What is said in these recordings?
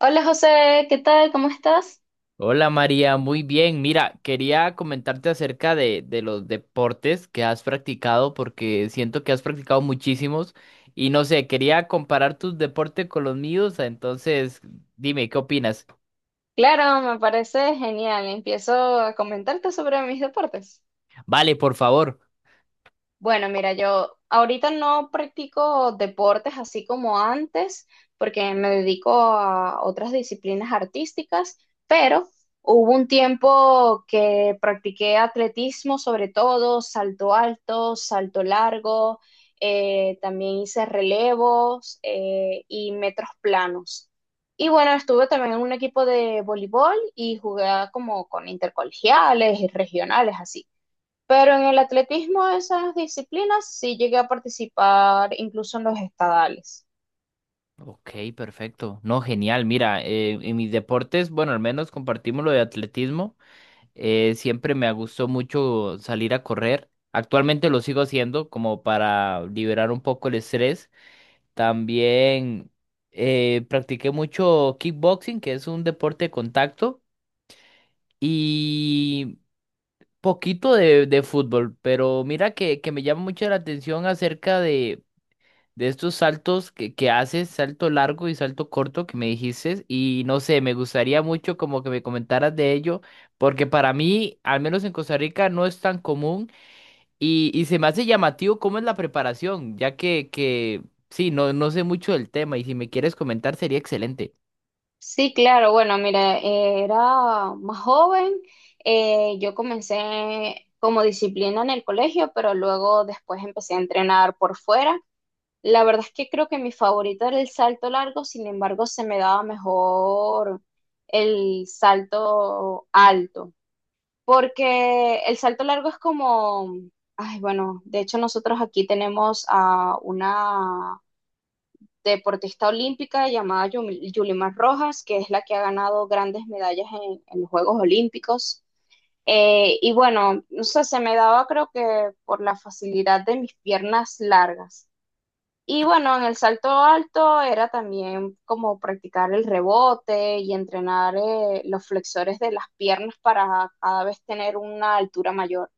Hola José, ¿qué tal? ¿Cómo estás? Hola María, muy bien. Mira, quería comentarte acerca de los deportes que has practicado porque siento que has practicado muchísimos y no sé, quería comparar tus deportes con los míos, entonces dime, ¿qué opinas? Claro, me parece genial. Empiezo a comentarte sobre mis deportes. Vale, por favor. Bueno, mira, yo ahorita no practico deportes así como antes, porque me dedico a otras disciplinas artísticas, pero hubo un tiempo que practiqué atletismo, sobre todo salto alto, salto largo, también hice relevos y metros planos. Y bueno, estuve también en un equipo de voleibol y jugué como con intercolegiales y regionales, así. Pero en el atletismo, esas disciplinas sí llegué a participar incluso en los estadales. Ok, perfecto. No, genial. Mira, en mis deportes, bueno, al menos compartimos lo de atletismo. Siempre me gustó mucho salir a correr. Actualmente lo sigo haciendo como para liberar un poco el estrés. También practiqué mucho kickboxing, que es un deporte de contacto, y poquito de fútbol, pero mira que me llama mucho la atención acerca de estos saltos que haces, salto largo y salto corto que me dijiste, y no sé, me gustaría mucho como que me comentaras de ello, porque para mí, al menos en Costa Rica, no es tan común. Y se me hace llamativo cómo es la preparación, ya que sí, no, no sé mucho del tema y si me quieres comentar sería excelente. Sí, claro, bueno, mira, era más joven, yo comencé como disciplina en el colegio, pero luego después empecé a entrenar por fuera. La verdad es que creo que mi favorito era el salto largo, sin embargo, se me daba mejor el salto alto. Porque el salto largo es como, ay, bueno, de hecho nosotros aquí tenemos a una deportista olímpica llamada Yulimar Rojas, que es la que ha ganado grandes medallas en los Juegos Olímpicos. Y bueno, no sé, se me daba creo que por la facilidad de mis piernas largas. Y bueno, en el salto alto era también como practicar el rebote y entrenar los flexores de las piernas para cada vez tener una altura mayor.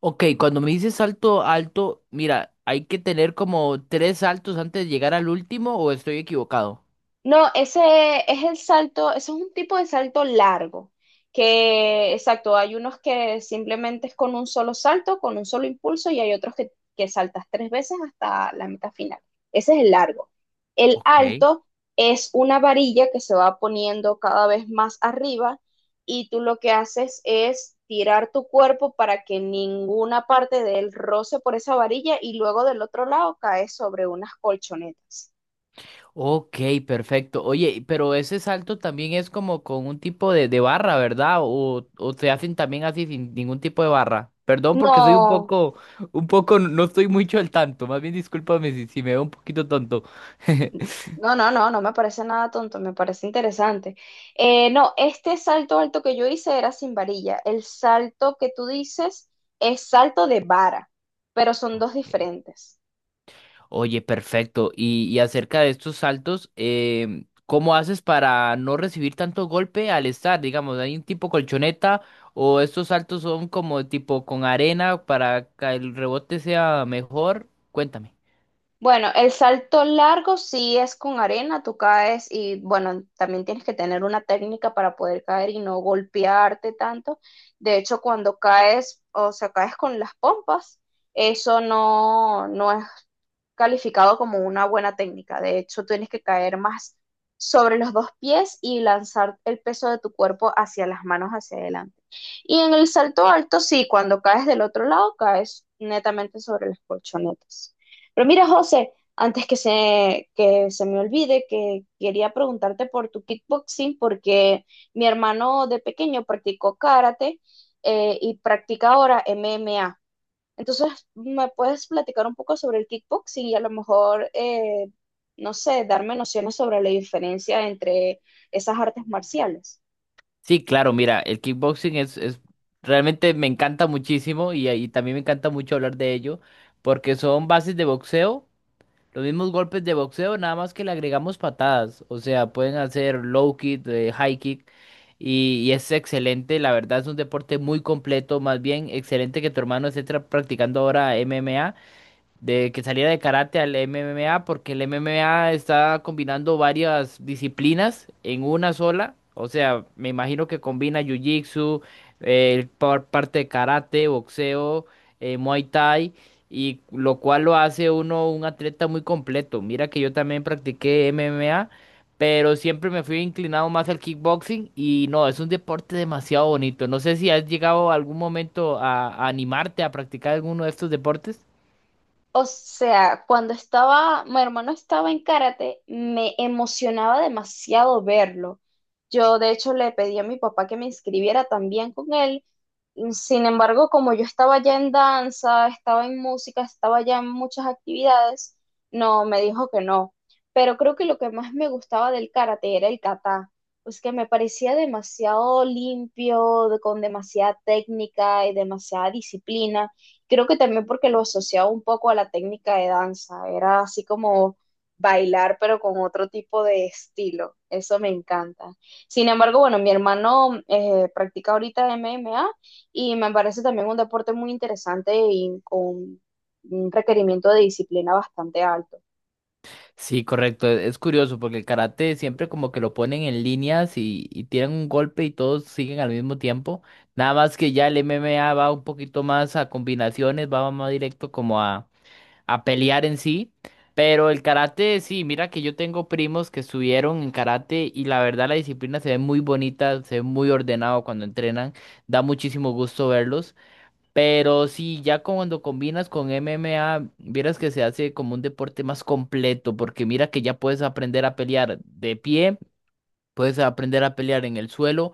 Ok, cuando me dices salto alto, mira, ¿hay que tener como tres saltos antes de llegar al último o estoy equivocado? No, ese es el salto, ese es un tipo de salto largo, que exacto, hay unos que simplemente es con un solo salto, con un solo impulso, y hay otros que saltas tres veces hasta la meta final. Ese es el largo. El Ok. alto es una varilla que se va poniendo cada vez más arriba y tú lo que haces es tirar tu cuerpo para que ninguna parte de él roce por esa varilla y luego del otro lado caes sobre unas colchonetas. Ok, perfecto. Oye, pero ese salto también es como con un tipo de barra, ¿verdad? O se hacen también así sin ningún tipo de barra. Perdón porque soy No. Un poco, no estoy mucho al tanto. Más bien discúlpame si, si me veo un poquito tonto. No, no, no, no me parece nada tonto, me parece interesante. No, este salto alto que yo hice era sin varilla. El salto que tú dices es salto de vara, pero son Ok. dos diferentes. Oye, perfecto. Y acerca de estos saltos, ¿cómo haces para no recibir tanto golpe al estar? Digamos, ¿hay un tipo colchoneta o estos saltos son como tipo con arena para que el rebote sea mejor? Cuéntame. Bueno, el salto largo sí es con arena, tú caes y bueno, también tienes que tener una técnica para poder caer y no golpearte tanto. De hecho, cuando caes, o sea, caes con las pompas, eso no, no es calificado como una buena técnica. De hecho, tienes que caer más sobre los dos pies y lanzar el peso de tu cuerpo hacia las manos hacia adelante. Y en el salto alto, sí, cuando caes del otro lado, caes netamente sobre las colchonetas. Pero mira, José, antes que se me olvide, que quería preguntarte por tu kickboxing, porque mi hermano de pequeño practicó karate y practica ahora MMA. Entonces, ¿me puedes platicar un poco sobre el kickboxing y a lo mejor, no sé, darme nociones sobre la diferencia entre esas artes marciales? Sí, claro, mira, el kickboxing es realmente me encanta muchísimo y también me encanta mucho hablar de ello porque son bases de boxeo. Los mismos golpes de boxeo, nada más que le agregamos patadas. O sea, pueden hacer low kick, high kick. Y es excelente, la verdad es un deporte muy completo. Más bien, excelente que tu hermano esté practicando ahora MMA de que saliera de karate al MMA, porque el MMA está combinando varias disciplinas en una sola. O sea, me imagino que combina jiu-jitsu, parte de karate, boxeo, muay thai, y lo cual lo hace uno un atleta muy completo. Mira que yo también practiqué MMA. Pero siempre me fui inclinado más al kickboxing y no, es un deporte demasiado bonito. No sé si has llegado algún momento a animarte a practicar alguno de estos deportes. O sea, cuando estaba, mi hermano estaba en karate, me emocionaba demasiado verlo. Yo, de hecho, le pedí a mi papá que me inscribiera también con él. Sin embargo, como yo estaba ya en danza, estaba en música, estaba ya en muchas actividades, no, me dijo que no. Pero creo que lo que más me gustaba del karate era el kata, pues que me parecía demasiado limpio, con demasiada técnica y demasiada disciplina. Creo que también porque lo asociaba un poco a la técnica de danza, era así como bailar pero con otro tipo de estilo, eso me encanta. Sin embargo, bueno, mi hermano practica ahorita MMA y me parece también un deporte muy interesante y con un requerimiento de disciplina bastante alto. Sí, correcto. Es curioso porque el karate siempre como que lo ponen en líneas y tiran un golpe y todos siguen al mismo tiempo. Nada más que ya el MMA va un poquito más a combinaciones, va más directo como a pelear en sí. Pero el karate, sí, mira que yo tengo primos que estuvieron en karate y la verdad la disciplina se ve muy bonita, se ve muy ordenado cuando entrenan. Da muchísimo gusto verlos. Pero sí, ya cuando combinas con MMA, vieras que se hace como un deporte más completo, porque mira que ya puedes aprender a pelear de pie, puedes aprender a pelear en el suelo,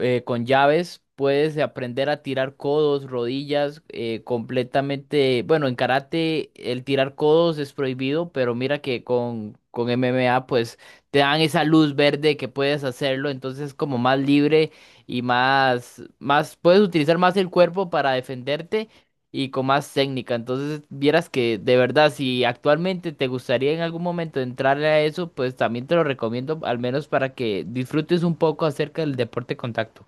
con llaves, puedes aprender a tirar codos, rodillas, completamente, bueno, en karate el tirar codos es prohibido, pero mira que con MMA pues te dan esa luz verde que puedes hacerlo, entonces es como más libre y puedes utilizar más el cuerpo para defenderte y con más técnica. Entonces, vieras que de verdad, si actualmente te gustaría en algún momento entrarle a eso, pues también te lo recomiendo, al menos para que disfrutes un poco acerca del deporte contacto.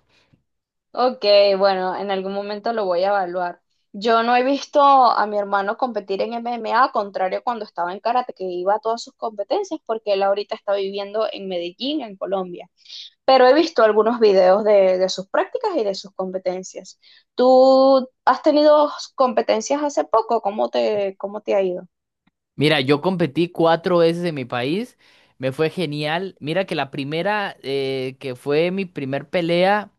Ok, bueno, en algún momento lo voy a evaluar. Yo no he visto a mi hermano competir en MMA, contrario a cuando estaba en karate, que iba a todas sus competencias, porque él ahorita está viviendo en Medellín, en Colombia. Pero he visto algunos videos de sus prácticas y de sus competencias. ¿Tú has tenido competencias hace poco? Cómo te ha ido? Mira, yo competí cuatro veces en mi país, me fue genial. Mira que la primera, que fue mi primer pelea.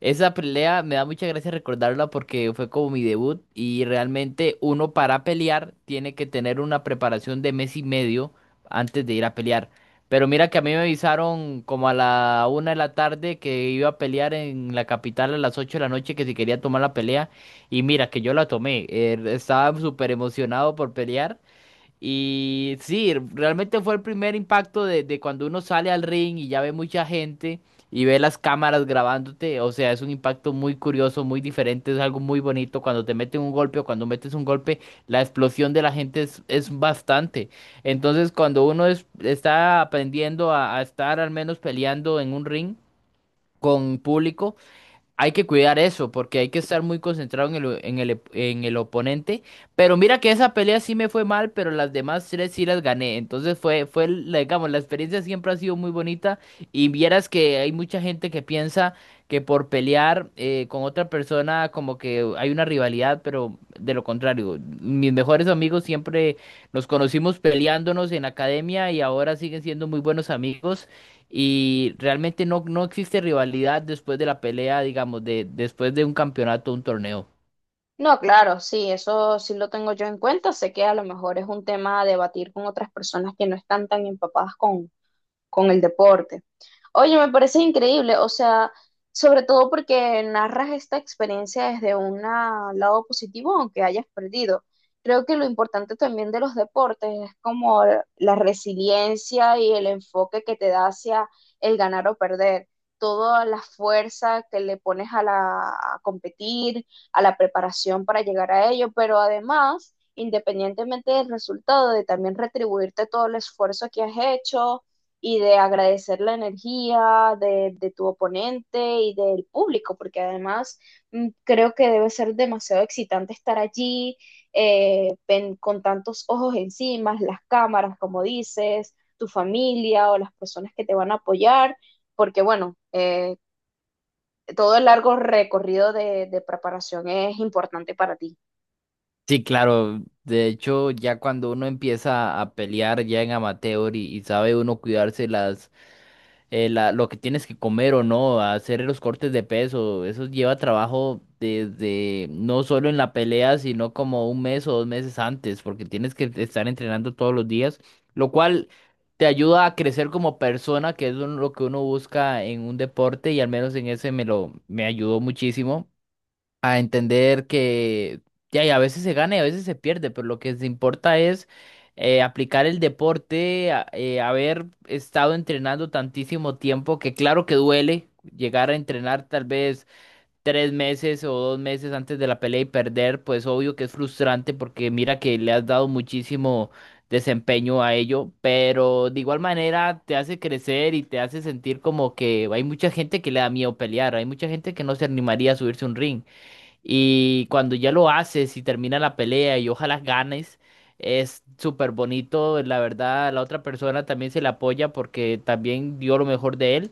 Esa pelea me da mucha gracia recordarla porque fue como mi debut y realmente uno para pelear tiene que tener una preparación de mes y medio antes de ir a pelear. Pero mira que a mí me avisaron como a la una de la tarde que iba a pelear en la capital a las ocho de la noche que si quería tomar la pelea y mira que yo la tomé. Estaba súper emocionado por pelear y sí, realmente fue el primer impacto de cuando uno sale al ring y ya ve mucha gente y ve las cámaras grabándote. O sea, es un impacto muy curioso, muy diferente, es algo muy bonito. Cuando te meten un golpe o cuando metes un golpe, la explosión de la gente es bastante. Entonces, cuando uno está aprendiendo a estar al menos peleando en un ring con público. Hay que cuidar eso, porque hay que estar muy concentrado en el oponente. Pero mira que esa pelea sí me fue mal, pero las demás tres sí las gané. Entonces digamos, la experiencia siempre ha sido muy bonita. Y vieras que hay mucha gente que piensa que por pelear con otra persona como que hay una rivalidad, pero de lo contrario. Mis mejores amigos siempre nos conocimos peleándonos en la academia y ahora siguen siendo muy buenos amigos. Y realmente no, no existe rivalidad después de la pelea, digamos, de, después de un campeonato, un torneo. No, claro, sí, eso sí lo tengo yo en cuenta. Sé que a lo mejor es un tema a debatir con otras personas que no están tan empapadas con el deporte. Oye, me parece increíble, o sea, sobre todo porque narras esta experiencia desde un lado positivo, aunque hayas perdido. Creo que lo importante también de los deportes es como la resiliencia y el enfoque que te da hacia el ganar o perder, toda la fuerza que le pones a la a competir, a la preparación para llegar a ello, pero además, independientemente del resultado, de también retribuirte todo el esfuerzo que has hecho y de agradecer la energía de tu oponente y del público, porque además creo que debe ser demasiado excitante estar allí con tantos ojos encima, las cámaras, como dices, tu familia o las personas que te van a apoyar, porque bueno, todo el largo recorrido de preparación es importante para ti. Sí, claro. De hecho, ya cuando uno empieza a pelear ya en amateur y sabe uno cuidarse las lo que tienes que comer o no, hacer los cortes de peso, eso lleva trabajo desde no solo en la pelea, sino como un mes o dos meses antes, porque tienes que estar entrenando todos los días, lo cual te ayuda a crecer como persona, lo que uno busca en un deporte y al menos en ese me ayudó muchísimo a entender que ya, y a veces se gana y a veces se pierde, pero lo que se importa es aplicar el deporte, haber estado entrenando tantísimo tiempo, que claro que duele llegar a entrenar tal vez tres meses o dos meses antes de la pelea y perder, pues obvio que es frustrante porque mira que le has dado muchísimo desempeño a ello, pero de igual manera te hace crecer y te hace sentir como que hay mucha gente que le da miedo pelear, hay mucha gente que no se animaría a subirse a un ring. Y cuando ya lo haces y termina la pelea y ojalá ganes, es súper bonito. La verdad, la otra persona también se le apoya porque también dio lo mejor de él.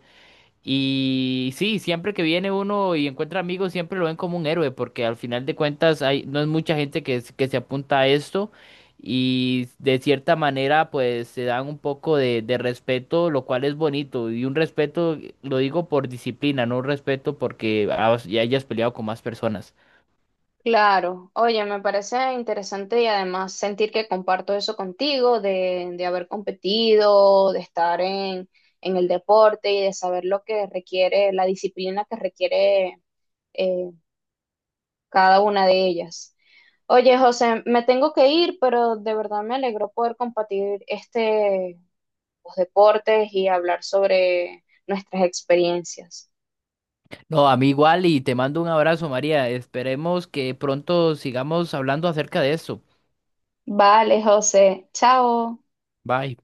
Y sí, siempre que viene uno y encuentra amigos, siempre lo ven como un héroe porque al final de cuentas hay, no es mucha gente que se apunta a esto. Y de cierta manera, pues se dan un poco de respeto, lo cual es bonito. Y un respeto, lo digo por disciplina, no un respeto porque ya hayas peleado con más personas. Claro, oye, me parece interesante y además sentir que comparto eso contigo, de haber competido, de estar en el deporte y de saber lo que requiere, la disciplina que requiere eh, cada una de ellas. Oye, José, me tengo que ir, pero de verdad me alegró poder compartir este, los deportes y hablar sobre nuestras experiencias. No, a mí igual y te mando un abrazo, María. Esperemos que pronto sigamos hablando acerca de esto. Vale, José, chao. Bye.